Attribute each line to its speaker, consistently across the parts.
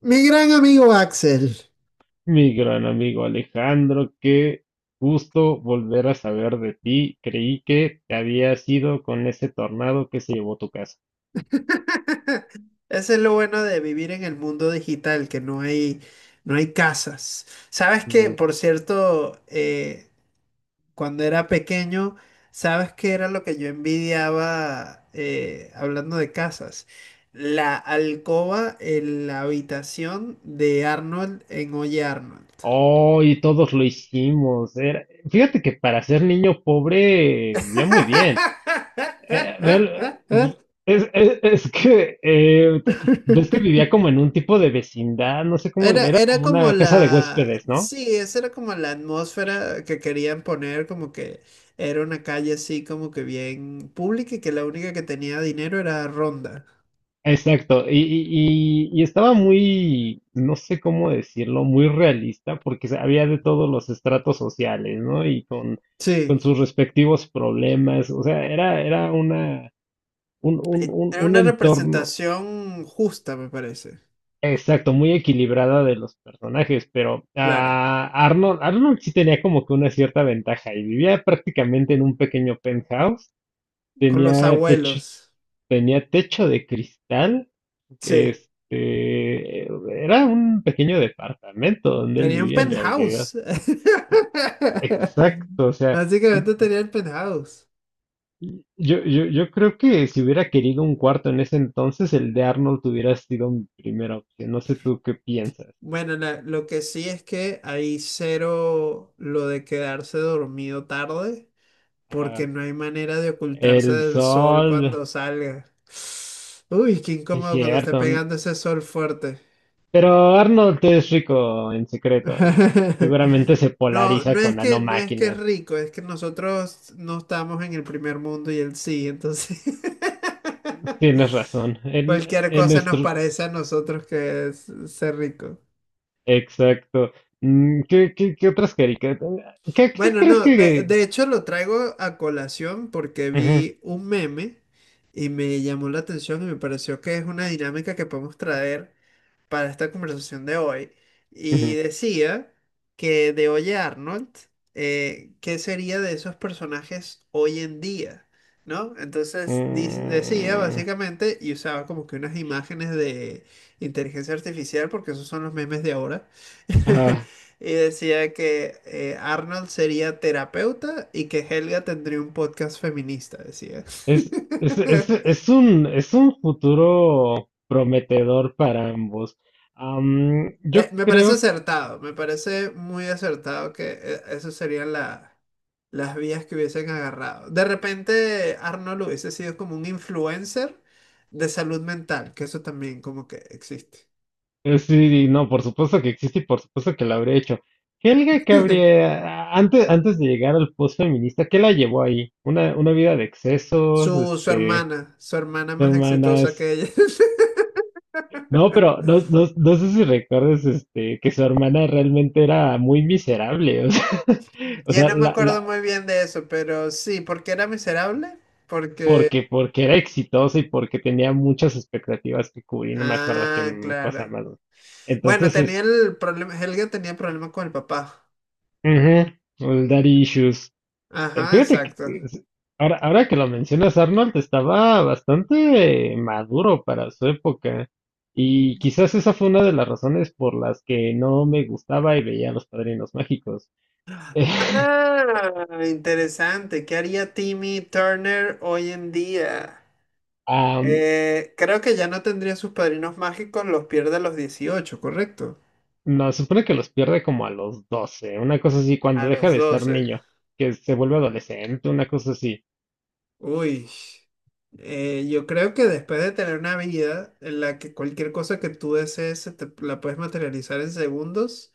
Speaker 1: Mi gran amigo Axel.
Speaker 2: Mi gran amigo Alejandro, qué gusto volver a saber de ti. Creí que te habías ido con ese tornado que se llevó tu casa.
Speaker 1: Ese es lo bueno de vivir en el mundo digital, que no hay, no hay casas.
Speaker 2: Mm.
Speaker 1: Por cierto, cuando era pequeño, ¿sabes que era lo que yo envidiaba hablando de casas? La alcoba en la habitación de Arnold en Oye Arnold.
Speaker 2: Oh, y todos lo hicimos. Fíjate que para ser niño pobre vivía muy bien. Eh, real- es, es- es que, eh, Ves que vivía como en un tipo de vecindad, no sé cómo,
Speaker 1: Era,
Speaker 2: era
Speaker 1: era
Speaker 2: como
Speaker 1: como
Speaker 2: una casa de
Speaker 1: la,
Speaker 2: huéspedes, ¿no?
Speaker 1: sí, esa era como la atmósfera que querían poner, como que era una calle así como que bien pública y que la única que tenía dinero era Ronda.
Speaker 2: Exacto, y estaba muy, no sé cómo decirlo, muy realista, había de todos los estratos sociales, ¿no?
Speaker 1: Sí,
Speaker 2: Con sus respectivos problemas, o sea, era una,
Speaker 1: era
Speaker 2: un
Speaker 1: una
Speaker 2: entorno,
Speaker 1: representación justa, me parece.
Speaker 2: exacto, muy equilibrada de los personajes, pero
Speaker 1: Claro,
Speaker 2: Arnold, Arnold sí tenía como que una cierta ventaja y vivía prácticamente en un pequeño penthouse,
Speaker 1: con los
Speaker 2: tenía techo.
Speaker 1: abuelos.
Speaker 2: Tenía techo de cristal. que,
Speaker 1: Sí,
Speaker 2: Este, Era un pequeño departamento donde él
Speaker 1: tenía un
Speaker 2: vivía en realidad.
Speaker 1: penthouse.
Speaker 2: Exacto, o sea, y-
Speaker 1: Básicamente
Speaker 2: y-
Speaker 1: tenía el penthouse.
Speaker 2: yo creo que si hubiera querido un cuarto en ese entonces, el de Arnold hubiera sido mi primera opción. No sé tú qué piensas.
Speaker 1: Bueno, lo que sí es que hay cero lo de quedarse dormido tarde,
Speaker 2: Ajá.
Speaker 1: porque no hay manera de
Speaker 2: El
Speaker 1: ocultarse del sol
Speaker 2: sol,
Speaker 1: cuando salga. Uy, qué
Speaker 2: sí es
Speaker 1: incómodo cuando esté
Speaker 2: cierto.
Speaker 1: pegando ese sol fuerte.
Speaker 2: Pero Arnold es rico en secreto y seguramente se
Speaker 1: No,
Speaker 2: polariza con
Speaker 1: no es que es
Speaker 2: nanomáquinas.
Speaker 1: rico, es que nosotros no estamos en el primer mundo y él sí, entonces
Speaker 2: Tienes razón.
Speaker 1: cualquier
Speaker 2: En
Speaker 1: cosa nos
Speaker 2: nuestro
Speaker 1: parece a nosotros que es ser rico.
Speaker 2: exacto. Mm, ¿qué, qué otras caricaturas? ¿Qué, qué
Speaker 1: Bueno,
Speaker 2: crees
Speaker 1: no, de,
Speaker 2: que...?
Speaker 1: de hecho lo traigo a colación porque
Speaker 2: Ujú,
Speaker 1: vi un meme y me llamó la atención y me pareció que es una dinámica que podemos traer para esta conversación de hoy, y
Speaker 2: ujú.
Speaker 1: decía que de Oye Arnold, ¿qué sería de esos personajes hoy en día? ¿No? Decía
Speaker 2: Mm,
Speaker 1: básicamente, y usaba como que unas imágenes de inteligencia artificial porque esos son los memes de ahora.
Speaker 2: ah,
Speaker 1: Y decía que Arnold sería terapeuta y que Helga tendría un podcast feminista, decía.
Speaker 2: es, es un futuro prometedor para ambos. Yo
Speaker 1: Me parece
Speaker 2: creo,
Speaker 1: acertado, me parece muy acertado que esas serían las vías que hubiesen agarrado. De repente, Arnold hubiese sido como un influencer de salud mental, que eso también como que existe.
Speaker 2: sí, no, por supuesto que existe y por supuesto que lo habría hecho. Helga, que habría, antes de llegar al post feminista, ¿qué la llevó ahí? Una vida de excesos,
Speaker 1: Su, su hermana, su hermana más exitosa
Speaker 2: hermanas.
Speaker 1: que ella.
Speaker 2: No, pero no sé si recuerdas este, que su hermana realmente era muy miserable, o sea, o
Speaker 1: Ya
Speaker 2: sea,
Speaker 1: no me acuerdo
Speaker 2: la,
Speaker 1: muy bien de eso, pero sí, porque era miserable, porque...
Speaker 2: porque era exitosa y porque tenía muchas expectativas que cubrir, no me acuerdo qué
Speaker 1: Ah,
Speaker 2: cosa
Speaker 1: claro.
Speaker 2: más.
Speaker 1: Bueno,
Speaker 2: Entonces,
Speaker 1: tenía
Speaker 2: es,
Speaker 1: el problema, Helga tenía problema con el papá.
Speaker 2: ujú, el daddy issues.
Speaker 1: Ajá,
Speaker 2: Fíjate que
Speaker 1: exacto.
Speaker 2: es- Ahora, ahora que lo mencionas, Arnold estaba bastante maduro para su época. Y quizás esa fue una de las razones por las que no me gustaba y veía a los Padrinos Mágicos.
Speaker 1: Ah, interesante. ¿Qué haría Timmy Turner hoy en día?
Speaker 2: Am,
Speaker 1: Creo que ya no tendría sus padrinos mágicos, los pierde a los 18, ¿correcto?
Speaker 2: no, se supone que los pierde como a los 12 una cosa así, cuando
Speaker 1: A
Speaker 2: deja
Speaker 1: los
Speaker 2: de ser
Speaker 1: 12.
Speaker 2: niño, que se vuelve adolescente, una cosa así.
Speaker 1: Uy. Yo creo que después de tener una vida en la que cualquier cosa que tú desees la puedes materializar en segundos,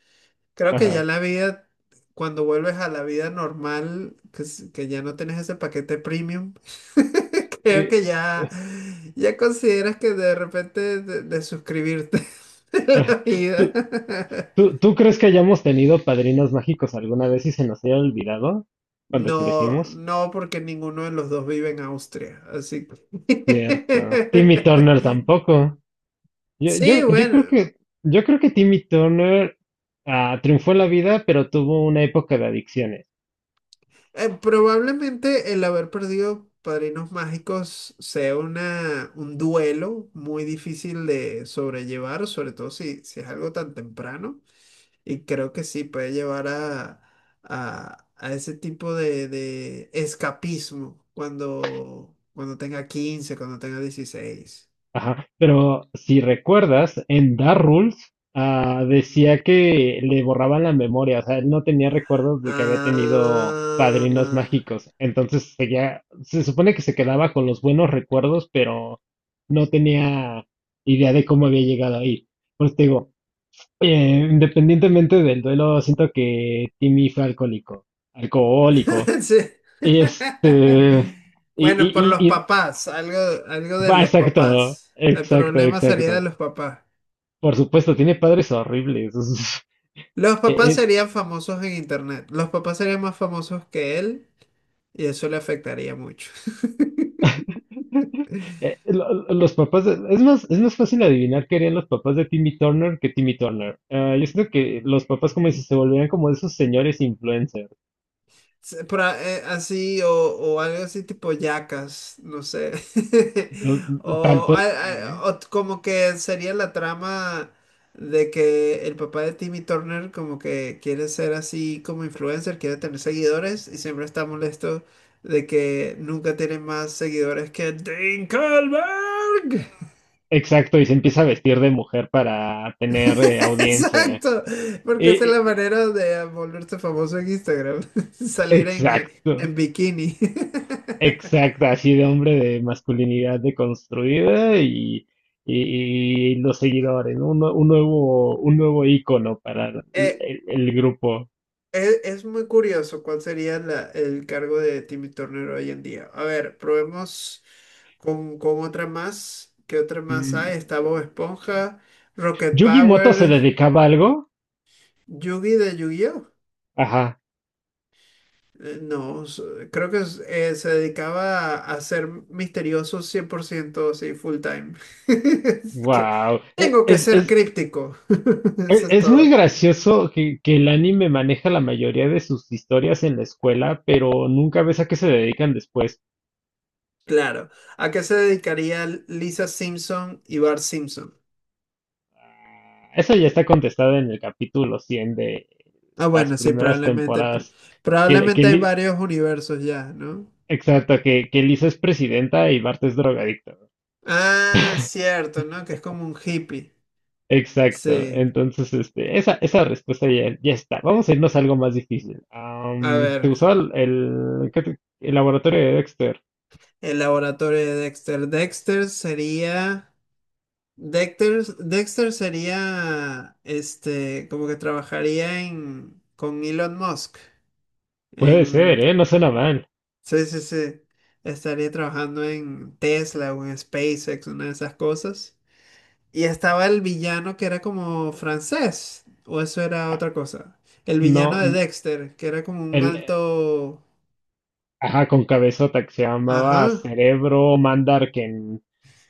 Speaker 1: creo que ya
Speaker 2: Ajá.
Speaker 1: la vida, cuando vuelves a la vida normal, que ya no tienes ese paquete premium. Creo
Speaker 2: Y-
Speaker 1: que ya, ya consideras que de repente de suscribirte de la
Speaker 2: ah,
Speaker 1: vida.
Speaker 2: ¿Tú, tú crees que hayamos tenido padrinos mágicos alguna vez y se nos haya olvidado cuando
Speaker 1: No,
Speaker 2: crecimos?
Speaker 1: no, porque ninguno de los dos vive en Austria, así
Speaker 2: Cierto. Timmy Turner
Speaker 1: que...
Speaker 2: tampoco. Yo,
Speaker 1: Sí,
Speaker 2: yo, yo creo
Speaker 1: bueno,
Speaker 2: que, yo creo que Timmy Turner triunfó en la vida, pero tuvo una época de adicciones.
Speaker 1: probablemente el haber perdido Padrinos Mágicos sea una, un duelo muy difícil de sobrellevar, sobre todo si, si es algo tan temprano. Y creo que sí, puede llevar a ese tipo de escapismo cuando, cuando tenga 15, cuando tenga 16.
Speaker 2: Ajá, pero si recuerdas, en Dark Rules decía que le borraban la memoria, o sea, él no tenía recuerdos de que había tenido padrinos
Speaker 1: Ah,
Speaker 2: mágicos, entonces seguía, se supone que se quedaba con los buenos recuerdos, pero no tenía idea de cómo había llegado ahí. Por eso te digo, independientemente del duelo, siento que Timmy fue alcohólico, alcohólico,
Speaker 1: sí.
Speaker 2: este, y,
Speaker 1: Bueno, por
Speaker 2: y,
Speaker 1: los
Speaker 2: y, y-
Speaker 1: papás, algo, algo de
Speaker 2: va,
Speaker 1: los
Speaker 2: exacto,
Speaker 1: papás. El
Speaker 2: exacto,
Speaker 1: problema sería de
Speaker 2: exacto.
Speaker 1: los papás.
Speaker 2: Por supuesto, tiene padres horribles.
Speaker 1: Los papás
Speaker 2: Es,
Speaker 1: serían famosos en internet. Los papás serían más famosos que él y eso le afectaría mucho.
Speaker 2: eh, lo- los papás de- es más fácil adivinar qué harían los papás de Timmy Turner que Timmy Turner. Ah, yo siento que los papás como si se volvieran como esos señores influencers.
Speaker 1: Así o algo así tipo yacas, no sé.
Speaker 2: Los- Tal
Speaker 1: O,
Speaker 2: puede ser,
Speaker 1: a-
Speaker 2: ¿eh?
Speaker 1: o t- Como que sería la trama de que el papá de Timmy Turner como que quiere ser así como influencer, quiere tener seguidores y siempre está molesto de que nunca tiene más seguidores que Dinkelberg.
Speaker 2: Exacto, y se empieza a vestir de mujer para tener audiencia.
Speaker 1: Exacto, porque esa es
Speaker 2: Eh,
Speaker 1: la
Speaker 2: eh,
Speaker 1: manera de volverse famoso en Instagram, salir
Speaker 2: exacto.
Speaker 1: en bikini.
Speaker 2: Exacto, así de hombre de masculinidad deconstruida y, y los seguidores, ¿no? Un nuevo ícono para el,
Speaker 1: Eh,
Speaker 2: el grupo.
Speaker 1: es muy curioso cuál sería el cargo de Timmy Turner hoy en día. A ver, probemos con otra más. ¿Qué otra más hay?
Speaker 2: Mm.
Speaker 1: Está Bob Esponja, Rocket
Speaker 2: Yugi Moto se
Speaker 1: Power,
Speaker 2: dedicaba a algo.
Speaker 1: Yugi de Yu-Gi-Oh!
Speaker 2: Ajá.
Speaker 1: No, s- Creo que se dedicaba a ser misterioso 100%, sí, full time. Es que
Speaker 2: Wow.
Speaker 1: tengo que ser críptico. Eso es
Speaker 2: Es muy
Speaker 1: todo.
Speaker 2: gracioso que el anime maneja la mayoría de sus historias en la escuela, pero nunca ves a qué se dedican después.
Speaker 1: Claro. ¿A qué se dedicaría Lisa Simpson y Bart Simpson?
Speaker 2: Eso ya está contestado en el capítulo 100 de
Speaker 1: Ah,
Speaker 2: las
Speaker 1: bueno, sí,
Speaker 2: primeras
Speaker 1: probablemente.
Speaker 2: temporadas. Que, que
Speaker 1: Probablemente hay
Speaker 2: Li-
Speaker 1: varios universos ya, ¿no?
Speaker 2: exacto, que Lisa es presidenta y Bart es drogadicto.
Speaker 1: Ah, cierto, ¿no? Que es como un hippie.
Speaker 2: Exacto.
Speaker 1: Sí.
Speaker 2: Entonces, esa respuesta ya, ya está. Vamos a irnos a algo más difícil.
Speaker 1: A
Speaker 2: ¿Te
Speaker 1: ver,
Speaker 2: gustó el laboratorio de Dexter?
Speaker 1: el laboratorio de Dexter. Dexter sería. Dexter sería. Este. Como que trabajaría en, con Elon Musk.
Speaker 2: Puede ser,
Speaker 1: En.
Speaker 2: ¿eh? No suena mal.
Speaker 1: Sí, sí, sí. Estaría trabajando en Tesla o en SpaceX, una de esas cosas. Y estaba el villano que era como francés, o eso era
Speaker 2: Ah,
Speaker 1: otra cosa. El villano
Speaker 2: No,
Speaker 1: de
Speaker 2: n-
Speaker 1: Dexter, que era como un
Speaker 2: el,
Speaker 1: alto...
Speaker 2: Ajá, con cabezota que se llamaba
Speaker 1: Ajá,
Speaker 2: Cerebro Mandar,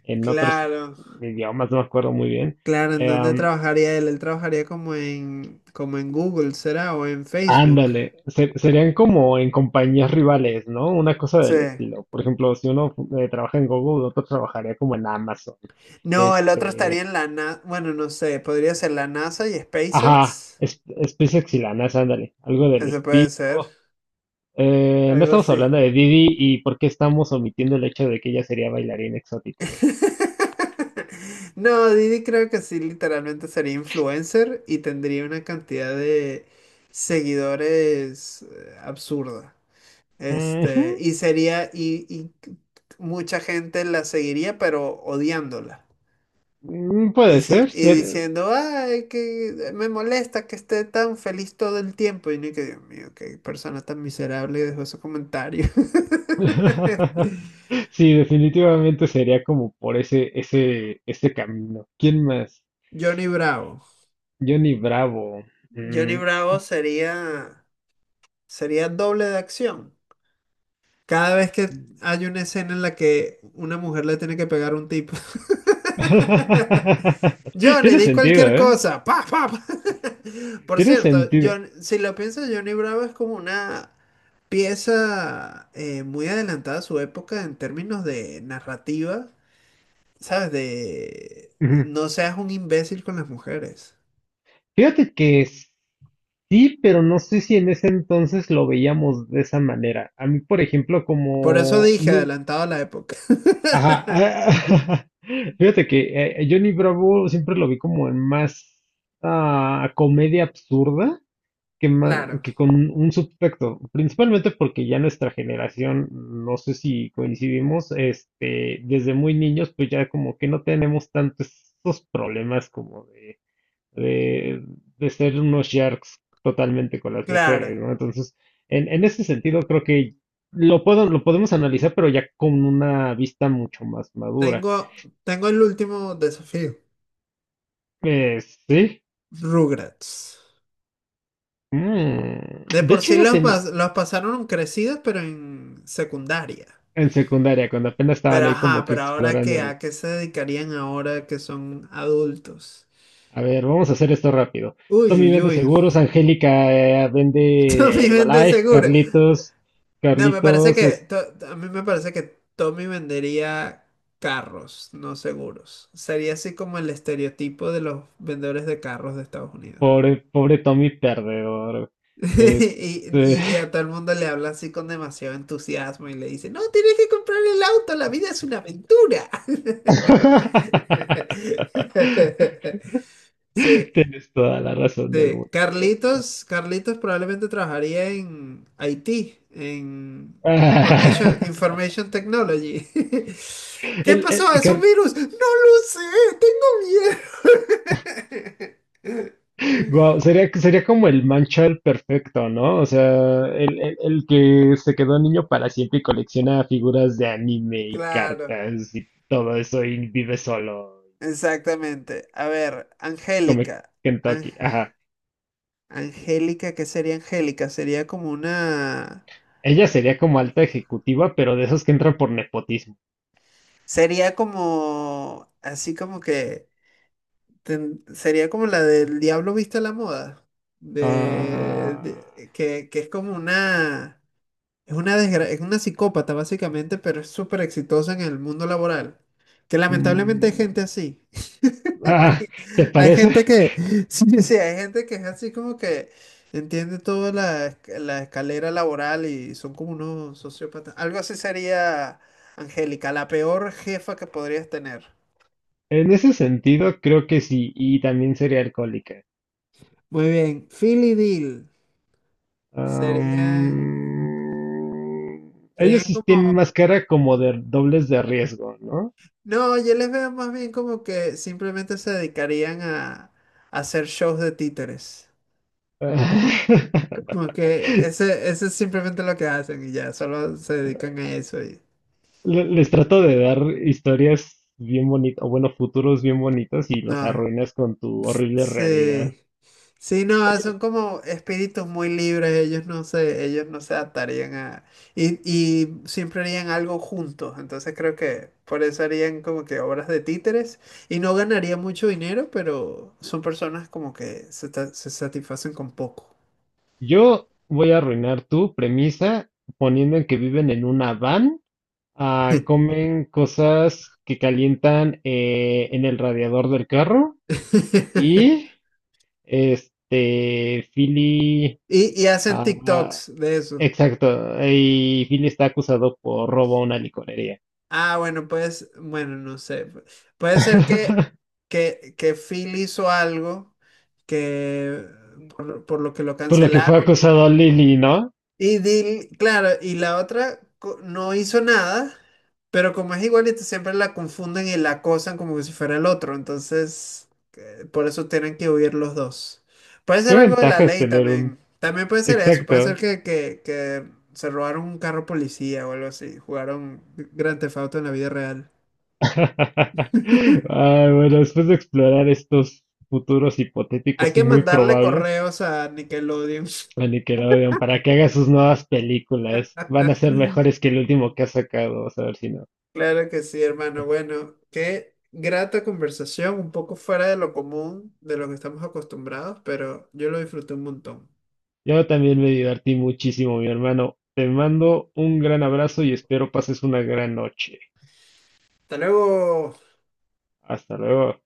Speaker 2: en otros
Speaker 1: claro,
Speaker 2: idiomas no me acuerdo muy bien.
Speaker 1: claro, ¿en
Speaker 2: Eh,
Speaker 1: dónde
Speaker 2: am,
Speaker 1: trabajaría él? Él trabajaría como en, como en Google, ¿será? O en Facebook.
Speaker 2: ándale, serían como en compañías rivales, ¿no? Una cosa
Speaker 1: Sí.
Speaker 2: del estilo. Por ejemplo, si uno trabaja en Google, otro trabajaría como en Amazon.
Speaker 1: No, el otro estaría
Speaker 2: Este,
Speaker 1: en la NASA, bueno, no sé, podría ser la NASA y
Speaker 2: ajá,
Speaker 1: SpaceX.
Speaker 2: es- SpaceX y la NASA, ándale, algo del
Speaker 1: Ese puede ser,
Speaker 2: estilo. No
Speaker 1: algo
Speaker 2: estamos
Speaker 1: así.
Speaker 2: hablando de Didi y por qué estamos omitiendo el hecho de que ella sería bailarina exótica.
Speaker 1: No, Didi creo que sí, literalmente sería influencer y tendría una cantidad de seguidores absurda.
Speaker 2: Ujú.
Speaker 1: Este, y mucha gente la seguiría, pero odiándola.
Speaker 2: Mm,
Speaker 1: Y, y diciendo, ay, que me molesta que esté tan feliz todo el tiempo. Y ni que, Dios mío, qué persona tan miserable dejó ese comentario.
Speaker 2: Sí, definitivamente sería como por ese, ese camino. ¿Quién más?
Speaker 1: Johnny Bravo.
Speaker 2: Johnny Bravo.
Speaker 1: Johnny
Speaker 2: Mm.
Speaker 1: Bravo sería. Sería doble de acción. Cada vez que hay una escena en la que una mujer le tiene que pegar a un tipo. Johnny,
Speaker 2: Tiene
Speaker 1: di
Speaker 2: sentido,
Speaker 1: cualquier
Speaker 2: ¿eh?
Speaker 1: cosa. Pa, pa, pa. Por
Speaker 2: Tiene
Speaker 1: cierto,
Speaker 2: sentido.
Speaker 1: John, si lo piensas, Johnny Bravo es como una pieza muy adelantada a su época en términos de narrativa, ¿sabes? De
Speaker 2: Ujú.
Speaker 1: no seas un imbécil con las mujeres.
Speaker 2: Fíjate que sí, pero no sé si en ese entonces lo veíamos de esa manera. A mí, por ejemplo,
Speaker 1: Por eso
Speaker 2: como...
Speaker 1: dije
Speaker 2: No,
Speaker 1: adelantado a la época.
Speaker 2: ajá, ah, Fíjate que Johnny Bravo siempre lo vi como en más comedia absurda.
Speaker 1: Claro,
Speaker 2: Que con un subtexto, principalmente porque ya nuestra generación, no sé si coincidimos, este, desde muy niños, pues ya como que no tenemos tantos esos problemas como de, de ser unos sharks totalmente con las mujeres,
Speaker 1: claro.
Speaker 2: ¿no? Entonces, en ese sentido, creo que lo puedo, lo podemos analizar, pero ya con una vista mucho más madura.
Speaker 1: Tengo, Tengo el último desafío.
Speaker 2: Eh, sí.
Speaker 1: Rugrats.
Speaker 2: Mm,
Speaker 1: De
Speaker 2: de
Speaker 1: por
Speaker 2: hecho,
Speaker 1: sí
Speaker 2: ellas
Speaker 1: los, los pasaron crecidos, pero en secundaria.
Speaker 2: en secundaria, cuando apenas estaban
Speaker 1: Pero
Speaker 2: ahí
Speaker 1: ajá,
Speaker 2: como que
Speaker 1: pero ahora
Speaker 2: explorando.
Speaker 1: qué, ¿a qué se dedicarían ahora que son adultos?
Speaker 2: A ver, vamos a hacer esto rápido.
Speaker 1: Uy,
Speaker 2: Tommy
Speaker 1: uy,
Speaker 2: vende
Speaker 1: uy.
Speaker 2: seguros, Angélica vende
Speaker 1: Tommy vende
Speaker 2: Herbalife,
Speaker 1: seguro.
Speaker 2: Carlitos,
Speaker 1: No, me parece
Speaker 2: Carlitos
Speaker 1: que,
Speaker 2: es
Speaker 1: a mí me parece que Tommy vendería carros, no seguros. Sería así como el estereotipo de los vendedores de carros de Estados Unidos.
Speaker 2: pobre, pobre Tommy perdedor.
Speaker 1: Y
Speaker 2: Este...
Speaker 1: a todo el mundo le habla así con demasiado entusiasmo y le dice, no, tienes que comprar el auto, la vida es una aventura. Sí,
Speaker 2: Tienes toda la razón del
Speaker 1: sí.
Speaker 2: mundo, amigo.
Speaker 1: Carlitos probablemente trabajaría en IT, en Information Technology. ¿Qué
Speaker 2: El,
Speaker 1: pasó?
Speaker 2: el-
Speaker 1: ¿Es un
Speaker 2: Car-
Speaker 1: virus? No lo sé, tengo miedo.
Speaker 2: Wow, sería como el Manchal perfecto, ¿no? O sea, el, el que se quedó niño para siempre y colecciona figuras de anime y
Speaker 1: Claro.
Speaker 2: cartas y todo eso y vive solo,
Speaker 1: Exactamente. A ver,
Speaker 2: come
Speaker 1: Angélica. Ang-
Speaker 2: Kentucky. Ajá.
Speaker 1: Angélica, ¿qué sería Angélica? Sería como una...
Speaker 2: Ella sería como alta ejecutiva, pero de esos que entran por nepotismo.
Speaker 1: Sería como... Así como que... Sería como la del Diablo viste a la moda.
Speaker 2: Ah,
Speaker 1: Que es como una... Es una psicópata básicamente, pero es súper exitosa en el mundo laboral. Que lamentablemente hay gente
Speaker 2: mm,
Speaker 1: así.
Speaker 2: ah, ¿te
Speaker 1: Hay
Speaker 2: parece?
Speaker 1: gente que, sí, sí, hay gente que es así como que entiende toda la, la escalera laboral y son como unos sociópatas. Algo así sería, Angélica, la peor jefa que podrías tener.
Speaker 2: En ese sentido, creo que sí, y también sería alcohólica.
Speaker 1: Muy bien, Phil y Dil serían,
Speaker 2: Ellos
Speaker 1: serían
Speaker 2: sí tienen
Speaker 1: como,
Speaker 2: más cara como de dobles de riesgo, ¿no?
Speaker 1: no, yo les veo más bien como que simplemente se dedicarían a hacer shows de títeres. Como que ese es simplemente lo que hacen y ya, solo se dedican a eso y...
Speaker 2: Les trato de dar historias bien bonitas, o bueno, futuros bien bonitos y los
Speaker 1: No.
Speaker 2: arruinas con tu horrible realidad.
Speaker 1: Sí. Sí, no, son como espíritus muy libres, ellos no se atarían a... Y, y siempre harían algo juntos, entonces creo que por eso harían como que obras de títeres y no ganarían mucho dinero, pero son personas como que se, se satisfacen con poco.
Speaker 2: Yo voy a arruinar tu premisa poniendo en que viven en una van, comen cosas que calientan en el radiador del carro y Philly
Speaker 1: Y, y hacen
Speaker 2: ah,
Speaker 1: TikToks de eso.
Speaker 2: exacto, y Billy está acusado por robo a una licorería.
Speaker 1: Ah, bueno, pues, bueno, no sé. Puede ser que, que Phil hizo algo que por lo que lo
Speaker 2: Por lo que fue
Speaker 1: cancelaron.
Speaker 2: acusado Lily, ¿no?
Speaker 1: Y Dil, claro, y no hizo nada, pero como es igualita, siempre la confunden y la acosan como que si fuera el otro. Entonces, por eso tienen que huir los dos. Puede
Speaker 2: ¿Qué
Speaker 1: ser algo de la
Speaker 2: ventaja es
Speaker 1: ley
Speaker 2: tener
Speaker 1: también.
Speaker 2: un...
Speaker 1: También puede ser eso. Puede ser
Speaker 2: Exacto.
Speaker 1: que, que se robaron un carro policía o algo así. Jugaron Grand Theft Auto en la vida real.
Speaker 2: Ah, bueno, después de explorar estos futuros
Speaker 1: Hay
Speaker 2: hipotéticos
Speaker 1: que
Speaker 2: y muy
Speaker 1: mandarle
Speaker 2: probables
Speaker 1: correos a Nickelodeon.
Speaker 2: a Nickelodeon para que haga sus nuevas películas, van a ser mejores que el último que ha sacado, vamos a ver si no.
Speaker 1: Claro que sí, hermano. Bueno, qué grata conversación, un poco fuera de lo común, de lo que estamos acostumbrados, pero yo lo disfruté un montón.
Speaker 2: Yo también me divertí muchísimo, mi hermano. Te mando un gran abrazo y espero pases una gran noche.
Speaker 1: Hasta luego.
Speaker 2: Hasta luego.